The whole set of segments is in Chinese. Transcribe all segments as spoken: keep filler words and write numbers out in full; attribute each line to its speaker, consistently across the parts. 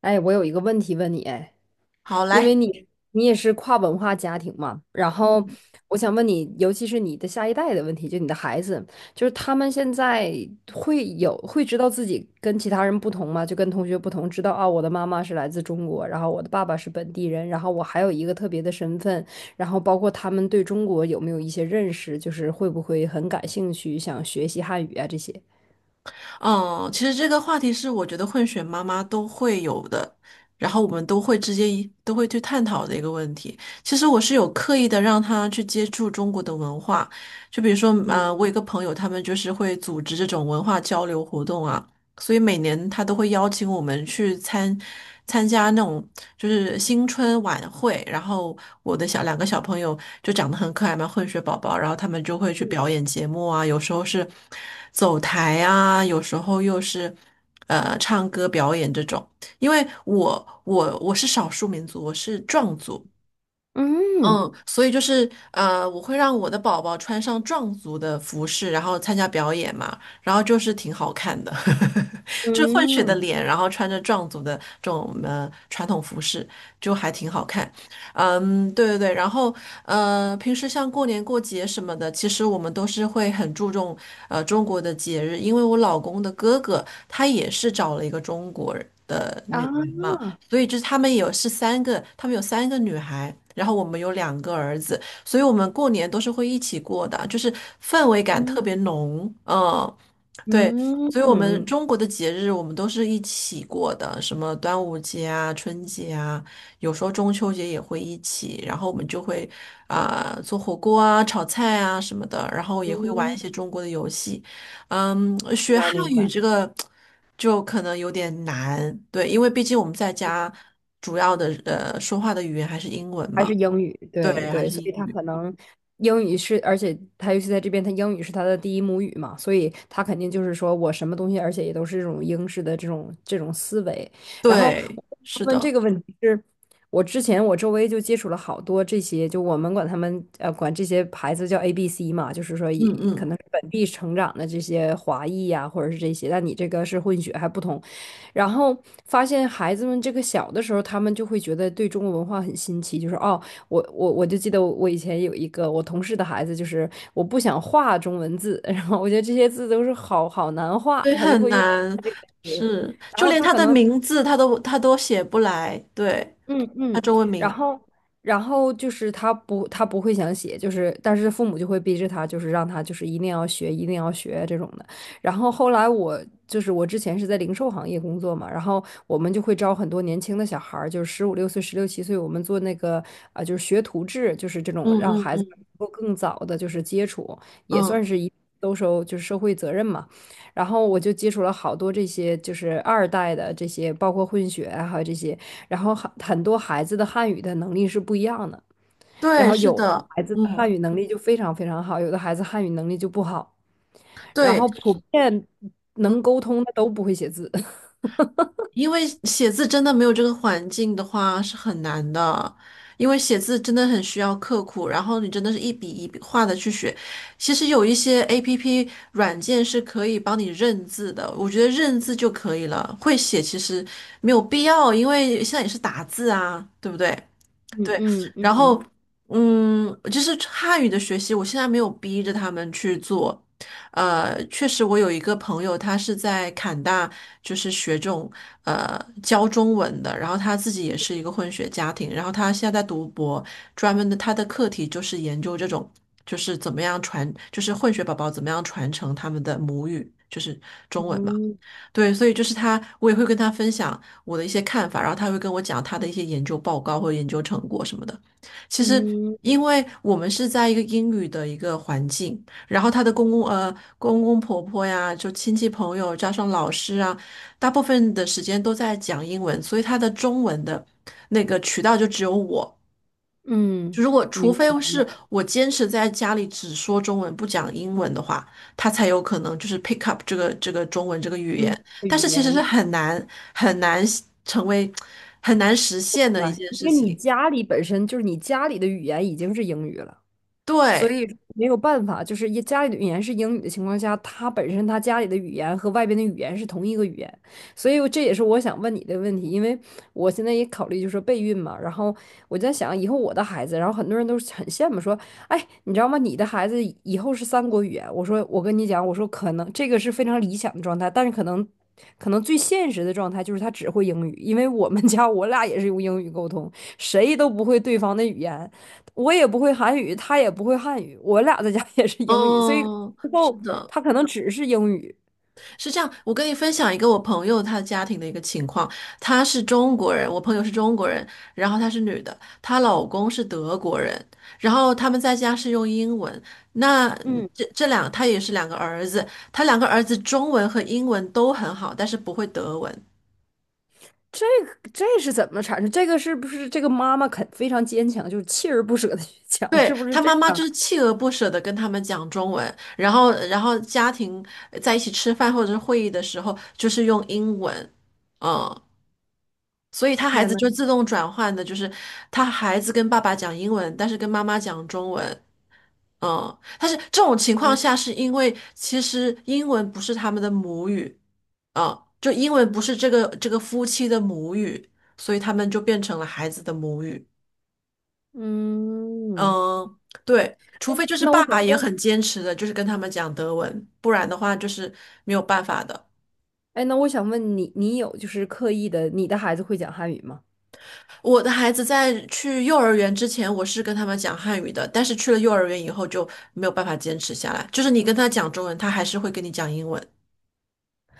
Speaker 1: 哎，我有一个问题问你，哎，
Speaker 2: 好，
Speaker 1: 因为
Speaker 2: 来，
Speaker 1: 你你也是跨文化家庭嘛，然后
Speaker 2: 嗯，
Speaker 1: 我想问你，尤其是你的下一代的问题，就你的孩子，就是他们现在会有会知道自己跟其他人不同吗？就跟同学不同，知道啊，我的妈妈是来自中国，然后我的爸爸是本地人，然后我还有一个特别的身份，然后包括他们对中国有没有一些认识，就是会不会很感兴趣，想学习汉语啊这些？
Speaker 2: 嗯，其实这个话题是我觉得混血妈妈都会有的，然后我们都会之间一都会去探讨的一个问题。其实我是有刻意的让她去接触中国的文化，就比如说，嗯，我有一个朋友，他们就是会组织这种文化交流活动啊，所以每年他都会邀请我们去参参加那种就是新春晚会，然后我的小两个小朋友就长得很可爱嘛，混血宝宝，然后他们就会去表演节目啊，有时候是走台啊，有时候又是呃唱歌表演这种。因为我我我是少数民族，我是壮族，
Speaker 1: 嗯
Speaker 2: 嗯，所以就是呃，我会让我的宝宝穿上壮族的服饰，然后参加表演嘛，然后就是挺好看的，就混血的
Speaker 1: 嗯
Speaker 2: 脸，然后穿着壮族的这种呃传统服饰，就还挺好看。嗯，对对对，然后呃，平时像过年过节什么的，其实我们都是会很注重呃中国的节日，因为我老公的哥哥他也是找了一个中国人的女人
Speaker 1: 啊。
Speaker 2: 嘛。所以就是他们有是三个，他们有三个女孩，然后我们有两个儿子，所以我们过年都是会一起过的，就是氛围感特
Speaker 1: 嗯
Speaker 2: 别浓。嗯，对，
Speaker 1: 嗯
Speaker 2: 所以我们
Speaker 1: 嗯，
Speaker 2: 中国的节日我们都是一起过的，什么端午节啊、春节啊，有时候中秋节也会一起，然后我们就会啊、做火锅啊、炒菜啊什么的，然后也会玩一
Speaker 1: 嗯，
Speaker 2: 些中国的游戏。嗯，
Speaker 1: 明
Speaker 2: 学
Speaker 1: 白
Speaker 2: 汉
Speaker 1: 明
Speaker 2: 语
Speaker 1: 白，
Speaker 2: 这个就可能有点难，对，因为毕竟我们在家主要的呃说话的语言还是英文
Speaker 1: 还
Speaker 2: 嘛，
Speaker 1: 是英语，
Speaker 2: 对，
Speaker 1: 对
Speaker 2: 还
Speaker 1: 对，
Speaker 2: 是
Speaker 1: 所
Speaker 2: 英
Speaker 1: 以他
Speaker 2: 语，
Speaker 1: 可能英语是，而且他尤其在这边，他英语是他的第一母语嘛，所以他肯定就是说我什么东西，而且也都是这种英式的这种这种思维。然后
Speaker 2: 对，
Speaker 1: 我
Speaker 2: 是
Speaker 1: 问
Speaker 2: 的，
Speaker 1: 这个问题是，我之前我周围就接触了好多这些，就我们管他们呃管这些牌子叫 A B C 嘛，就是说也
Speaker 2: 嗯嗯。
Speaker 1: 可能是本地成长的这些华裔呀、或者是这些，但你这个是混血还不同。然后发现孩子们这个小的时候，他们就会觉得对中国文化很新奇，就是哦，我我我就记得我以前有一个我同事的孩子，就是我不想画中文字，然后我觉得这些字都是好好难画，
Speaker 2: 对，
Speaker 1: 他就
Speaker 2: 很
Speaker 1: 会用
Speaker 2: 难，
Speaker 1: 这个词，
Speaker 2: 是，
Speaker 1: 然
Speaker 2: 就
Speaker 1: 后
Speaker 2: 连
Speaker 1: 他
Speaker 2: 他
Speaker 1: 可
Speaker 2: 的
Speaker 1: 能
Speaker 2: 名字他都他都写不来，对，
Speaker 1: 嗯
Speaker 2: 他
Speaker 1: 嗯，
Speaker 2: 中文
Speaker 1: 然
Speaker 2: 名，
Speaker 1: 后然后就是他不他不会想写，就是但是父母就会逼着他，就是让他就是一定要学，一定要学这种的。然后后来我就是我之前是在零售行业工作嘛，然后我们就会招很多年轻的小孩儿，就是十五六岁、十六七岁，我们做那个啊、呃就是学徒制，就是这种
Speaker 2: 嗯
Speaker 1: 让
Speaker 2: 嗯
Speaker 1: 孩子能
Speaker 2: 嗯
Speaker 1: 够更早的就是接触，也
Speaker 2: 嗯，
Speaker 1: 算是一都收就是社会责任嘛。然后我就接触了好多这些就是二代的这些，包括混血啊，还有这些。然后很很多孩子的汉语的能力是不一样的，然
Speaker 2: 对，
Speaker 1: 后
Speaker 2: 是
Speaker 1: 有
Speaker 2: 的，
Speaker 1: 孩子的汉
Speaker 2: 嗯，
Speaker 1: 语能力就非常非常好，有的孩子汉语能力就不好，然
Speaker 2: 对，
Speaker 1: 后普遍
Speaker 2: 嗯，
Speaker 1: 能沟通的都不会写字。
Speaker 2: 因为写字真的没有这个环境的话是很难的，因为写字真的很需要刻苦，然后你真的是一笔一笔画的去学。其实有一些 APP 软件是可以帮你认字的，我觉得认字就可以了，会写其实没有必要，因为现在也是打字啊，对不对？
Speaker 1: 嗯
Speaker 2: 对，
Speaker 1: 嗯
Speaker 2: 然
Speaker 1: 嗯
Speaker 2: 后嗯，就是汉语的学习，我现在没有逼着他们去做。呃，确实，我有一个朋友，他是在坎大，就是学这种呃教中文的，然后他自己也是一个混血家庭，然后他现在在读博，专门的他的课题就是研究这种，就是怎么样传，就是混血宝宝怎么样传承他们的母语，就是中文嘛。
Speaker 1: 嗯
Speaker 2: 对，所以就是他，我也会跟他分享我的一些看法，然后他会跟我讲他的一些研究报告或研究成果什么的。其实，
Speaker 1: 嗯
Speaker 2: 因为我们是在一个英语的一个环境，然后他的公公呃公公婆婆呀，就亲戚朋友加上老师啊，大部分的时间都在讲英文，所以他的中文的那个渠道就只有我。
Speaker 1: 嗯，
Speaker 2: 就如果除
Speaker 1: 明白
Speaker 2: 非
Speaker 1: 明
Speaker 2: 是
Speaker 1: 白，
Speaker 2: 我坚持在家里只说中文不讲英文的话，他才有可能就是 pick up 这个这个中文这个语言。
Speaker 1: 嗯，
Speaker 2: 但
Speaker 1: 语
Speaker 2: 是其实是
Speaker 1: 言明
Speaker 2: 很难很难成为很难实现的一
Speaker 1: 白
Speaker 2: 件
Speaker 1: 因
Speaker 2: 事
Speaker 1: 为你
Speaker 2: 情。
Speaker 1: 家里本身就是你家里的语言已经是英语了。所
Speaker 2: 对，
Speaker 1: 以没有办法，就是一家里的语言是英语的情况下，他本身他家里的语言和外边的语言是同一个语言，所以这也是我想问你的问题，因为我现在也考虑就是备孕嘛，然后我在想以后我的孩子，然后很多人都是很羡慕说，哎，你知道吗？你的孩子以以后是三国语言，我说我跟你讲，我说可能这个是非常理想的状态，但是可能。可能最现实的状态就是他只会英语，因为我们家我俩也是用英语沟通，谁都不会对方的语言，我也不会韩语，他也不会汉语，我俩在家 也是英语，所以之
Speaker 2: 嗯，是
Speaker 1: 后
Speaker 2: 的。
Speaker 1: 他可能只是英语。
Speaker 2: 是这样，我跟你分享一个我朋友她家庭的一个情况，她是中国人，我朋友是中国人，然后她是女的，她老公是德国人，然后他们在家是用英文。那嗯
Speaker 1: 嗯，
Speaker 2: 这这两，她也是两个儿子，她两个儿子中文和英文都很好，但是不会德文。
Speaker 1: 这个这是怎么产生？这个是不是这个妈妈肯非常坚强，就是锲而不舍的去讲，
Speaker 2: 对，
Speaker 1: 是不是
Speaker 2: 她
Speaker 1: 这
Speaker 2: 妈妈就
Speaker 1: 样？
Speaker 2: 是锲而不舍的跟他们讲中文，然后然后家庭在一起吃饭或者是会议的时候，就是用英文。嗯，所以 他孩
Speaker 1: 天
Speaker 2: 子
Speaker 1: 呐，
Speaker 2: 就自动转换的，就是他孩子跟爸爸讲英文，但是跟妈妈讲中文。嗯，但是这种情况
Speaker 1: 嗯
Speaker 2: 下，是因为其实英文不是他们的母语，嗯，就英文不是这个这个夫妻的母语，所以他们就变成了孩子的母语。
Speaker 1: 嗯，
Speaker 2: 嗯，对，除非就是
Speaker 1: 那我
Speaker 2: 爸爸
Speaker 1: 想
Speaker 2: 也
Speaker 1: 问，
Speaker 2: 很坚持的，就是跟他们讲德文，不然的话就是没有办法的。
Speaker 1: 哎，那我想问你，你有就是刻意的，你的孩子会讲汉语吗？
Speaker 2: 我的孩子在去幼儿园之前，我是跟他们讲汉语的，但是去了幼儿园以后就没有办法坚持下来。就是你跟他讲中文，他还是会跟你讲英文，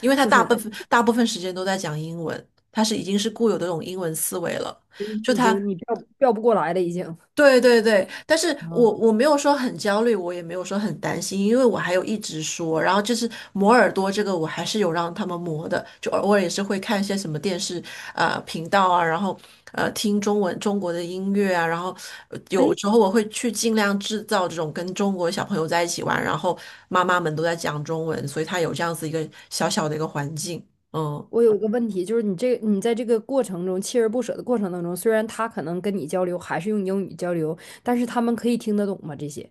Speaker 2: 因为他
Speaker 1: 就
Speaker 2: 大
Speaker 1: 是
Speaker 2: 部分
Speaker 1: 你
Speaker 2: 大部分时间都在讲英文，他是已经是固有的这种英文思维了。就
Speaker 1: 已
Speaker 2: 他
Speaker 1: 经你调调不过来了，已经。
Speaker 2: 对对对，但是我我没有说很焦虑，我也没有说很担心，因为我还有一直说，然后就是磨耳朵这个我还是有让他们磨的，就偶尔也是会看一些什么电视呃频道啊，然后呃听中文中国的音乐啊，然后呃有时候我会去尽量制造这种跟中国小朋友在一起玩，然后妈妈们都在讲中文，所以他有这样子一个小小的一个环境，嗯。
Speaker 1: 我有一个问题，就是你这你在这个过程中锲而不舍的过程当中，虽然他可能跟你交流还是用英语交流，但是他们可以听得懂吗？这些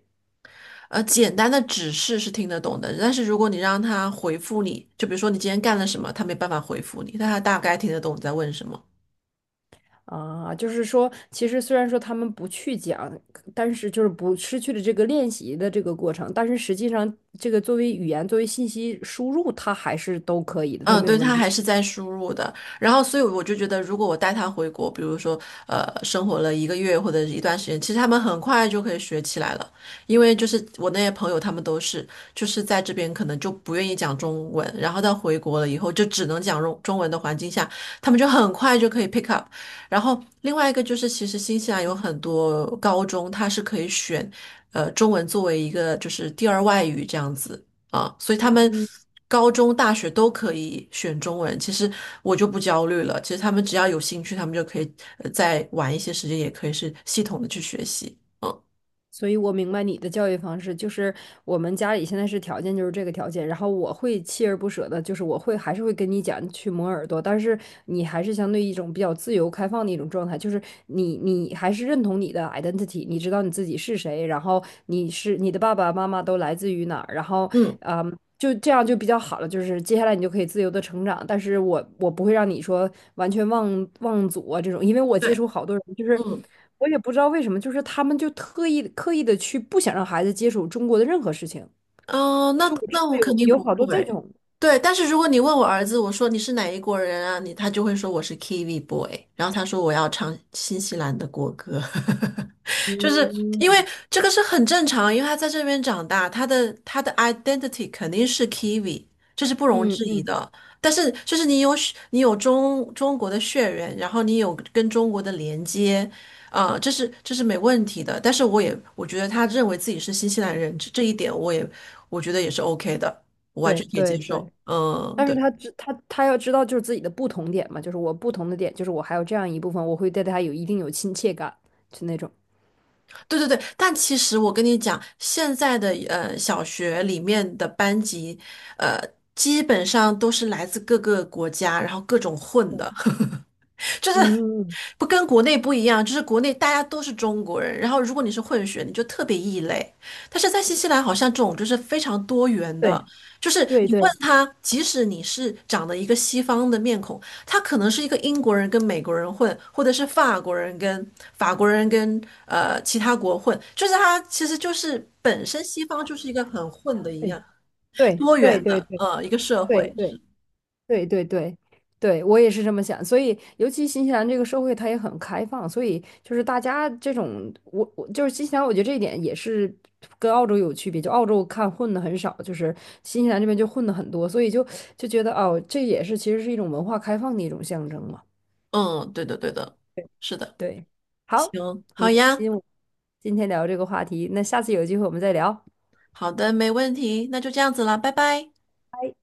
Speaker 2: 呃，简单的指示是听得懂的，但是如果你让他回复你，就比如说你今天干了什么，他没办法回复你，但他大概听得懂你在问什么。
Speaker 1: 啊，就是说，其实虽然说他们不去讲，但是就是不失去了这个练习的这个过程，但是实际上这个作为语言作为信息输入，它还是都可以的，都
Speaker 2: 嗯，
Speaker 1: 没有
Speaker 2: 对，
Speaker 1: 问
Speaker 2: 他
Speaker 1: 题。
Speaker 2: 还是在输入的。然后，所以我就觉得，如果我带他回国，比如说，呃，生活了一个月或者是一段时间，其实他们很快就可以学起来了。因为就是我那些朋友，他们都是就是在这边可能就不愿意讲中文，然后到回国了以后就只能讲中中文的环境下，他们就很快就可以 pick up。然后另外一个就是，其实新西兰有很多高中，它是可以选，呃，中文作为一个就是第二外语这样子。啊，所以他们高中、大学都可以选中文。其实我就不焦虑了，其实他们只要有兴趣，他们就可以呃再晚一些时间，也可以是系统的去学习。嗯
Speaker 1: 所以我明白你的教育方式，就是我们家里现在是条件就是这个条件，然后我会锲而不舍的，就是我会还是会跟你讲去磨耳朵，但是你还是相对一种比较自由开放的一种状态，就是你你还是认同你的 identity，你知道你自己是谁，然后你是你的爸爸妈妈都来自于哪儿，然后
Speaker 2: 嗯
Speaker 1: 嗯。就这样就比较好了，就是接下来你就可以自由的成长，但是我我不会让你说完全忘忘祖啊这种，因为我接触
Speaker 2: 对，
Speaker 1: 好多人就是。
Speaker 2: 嗯
Speaker 1: 我也不知道为什么，就是他们就特意刻意的去不想让孩子接触中国的任何事情。
Speaker 2: 嗯，呃那
Speaker 1: 就我知
Speaker 2: 那我
Speaker 1: 道
Speaker 2: 肯
Speaker 1: 有
Speaker 2: 定
Speaker 1: 有
Speaker 2: 不
Speaker 1: 好多这
Speaker 2: 会。
Speaker 1: 种，
Speaker 2: 对，但是如果你问我儿子，我说你是哪一国人啊？你他就会说我是 Kiwi boy，然后他说我要唱新西兰的国歌。就是因为
Speaker 1: 嗯
Speaker 2: 这个是很正常，因为他在这边长大，他的他的 identity 肯定是 Kiwi，这是不容
Speaker 1: 嗯
Speaker 2: 置疑
Speaker 1: 嗯，
Speaker 2: 的。但是就是你有血你有中中国的血缘，然后你有跟中国的连接，呃，这是这是没问题的。但是我也我觉得他认为自己是新西兰人，这这一点我也我觉得也是 OK 的，我完全
Speaker 1: 对
Speaker 2: 可以
Speaker 1: 对
Speaker 2: 接
Speaker 1: 对。
Speaker 2: 受。嗯，
Speaker 1: 但是他
Speaker 2: 对。
Speaker 1: 知他他要知道就是自己的不同点嘛，就是我不同的点，就是我还有这样一部分，我会对他有一定有亲切感，就那种。
Speaker 2: 对对对，但其实我跟你讲，现在的呃小学里面的班级，呃，基本上都是来自各个国家，然后各种混
Speaker 1: 对
Speaker 2: 的，就是
Speaker 1: 嗯，
Speaker 2: 不跟国内不一样，就是国内大家都是中国人，然后如果你是混血，你就特别异类。但是在新西兰，好像这种就是非常多元的，
Speaker 1: 对
Speaker 2: 就是
Speaker 1: 对
Speaker 2: 你问
Speaker 1: 对
Speaker 2: 他，即使你是长得一个西方的面孔，他可能是一个英国人跟美国人混，或者是法国人跟法国人跟呃其他国混，就是他其实就是本身西方就是一个很混的一
Speaker 1: 对
Speaker 2: 样多
Speaker 1: 对对
Speaker 2: 元
Speaker 1: 对对
Speaker 2: 的呃一个社
Speaker 1: 对对
Speaker 2: 会。
Speaker 1: 对。对对对，对，我也是这么想。所以，尤其新西兰这个社会，它也很开放，所以就是大家这种，我我就是新西兰，我觉得这一点也是跟澳洲有区别。就澳洲看混的很少，就是新西兰这边就混的很多，所以就就觉得哦，这也是其实是一种文化开放的一种象征嘛。
Speaker 2: 嗯，对的对的，是的，
Speaker 1: 对，好，
Speaker 2: 行，
Speaker 1: 很
Speaker 2: 好
Speaker 1: 开
Speaker 2: 呀。
Speaker 1: 心我今天聊这个话题，那下次有机会我们再聊。
Speaker 2: 好的，没问题，那就这样子啦，拜拜。
Speaker 1: 拜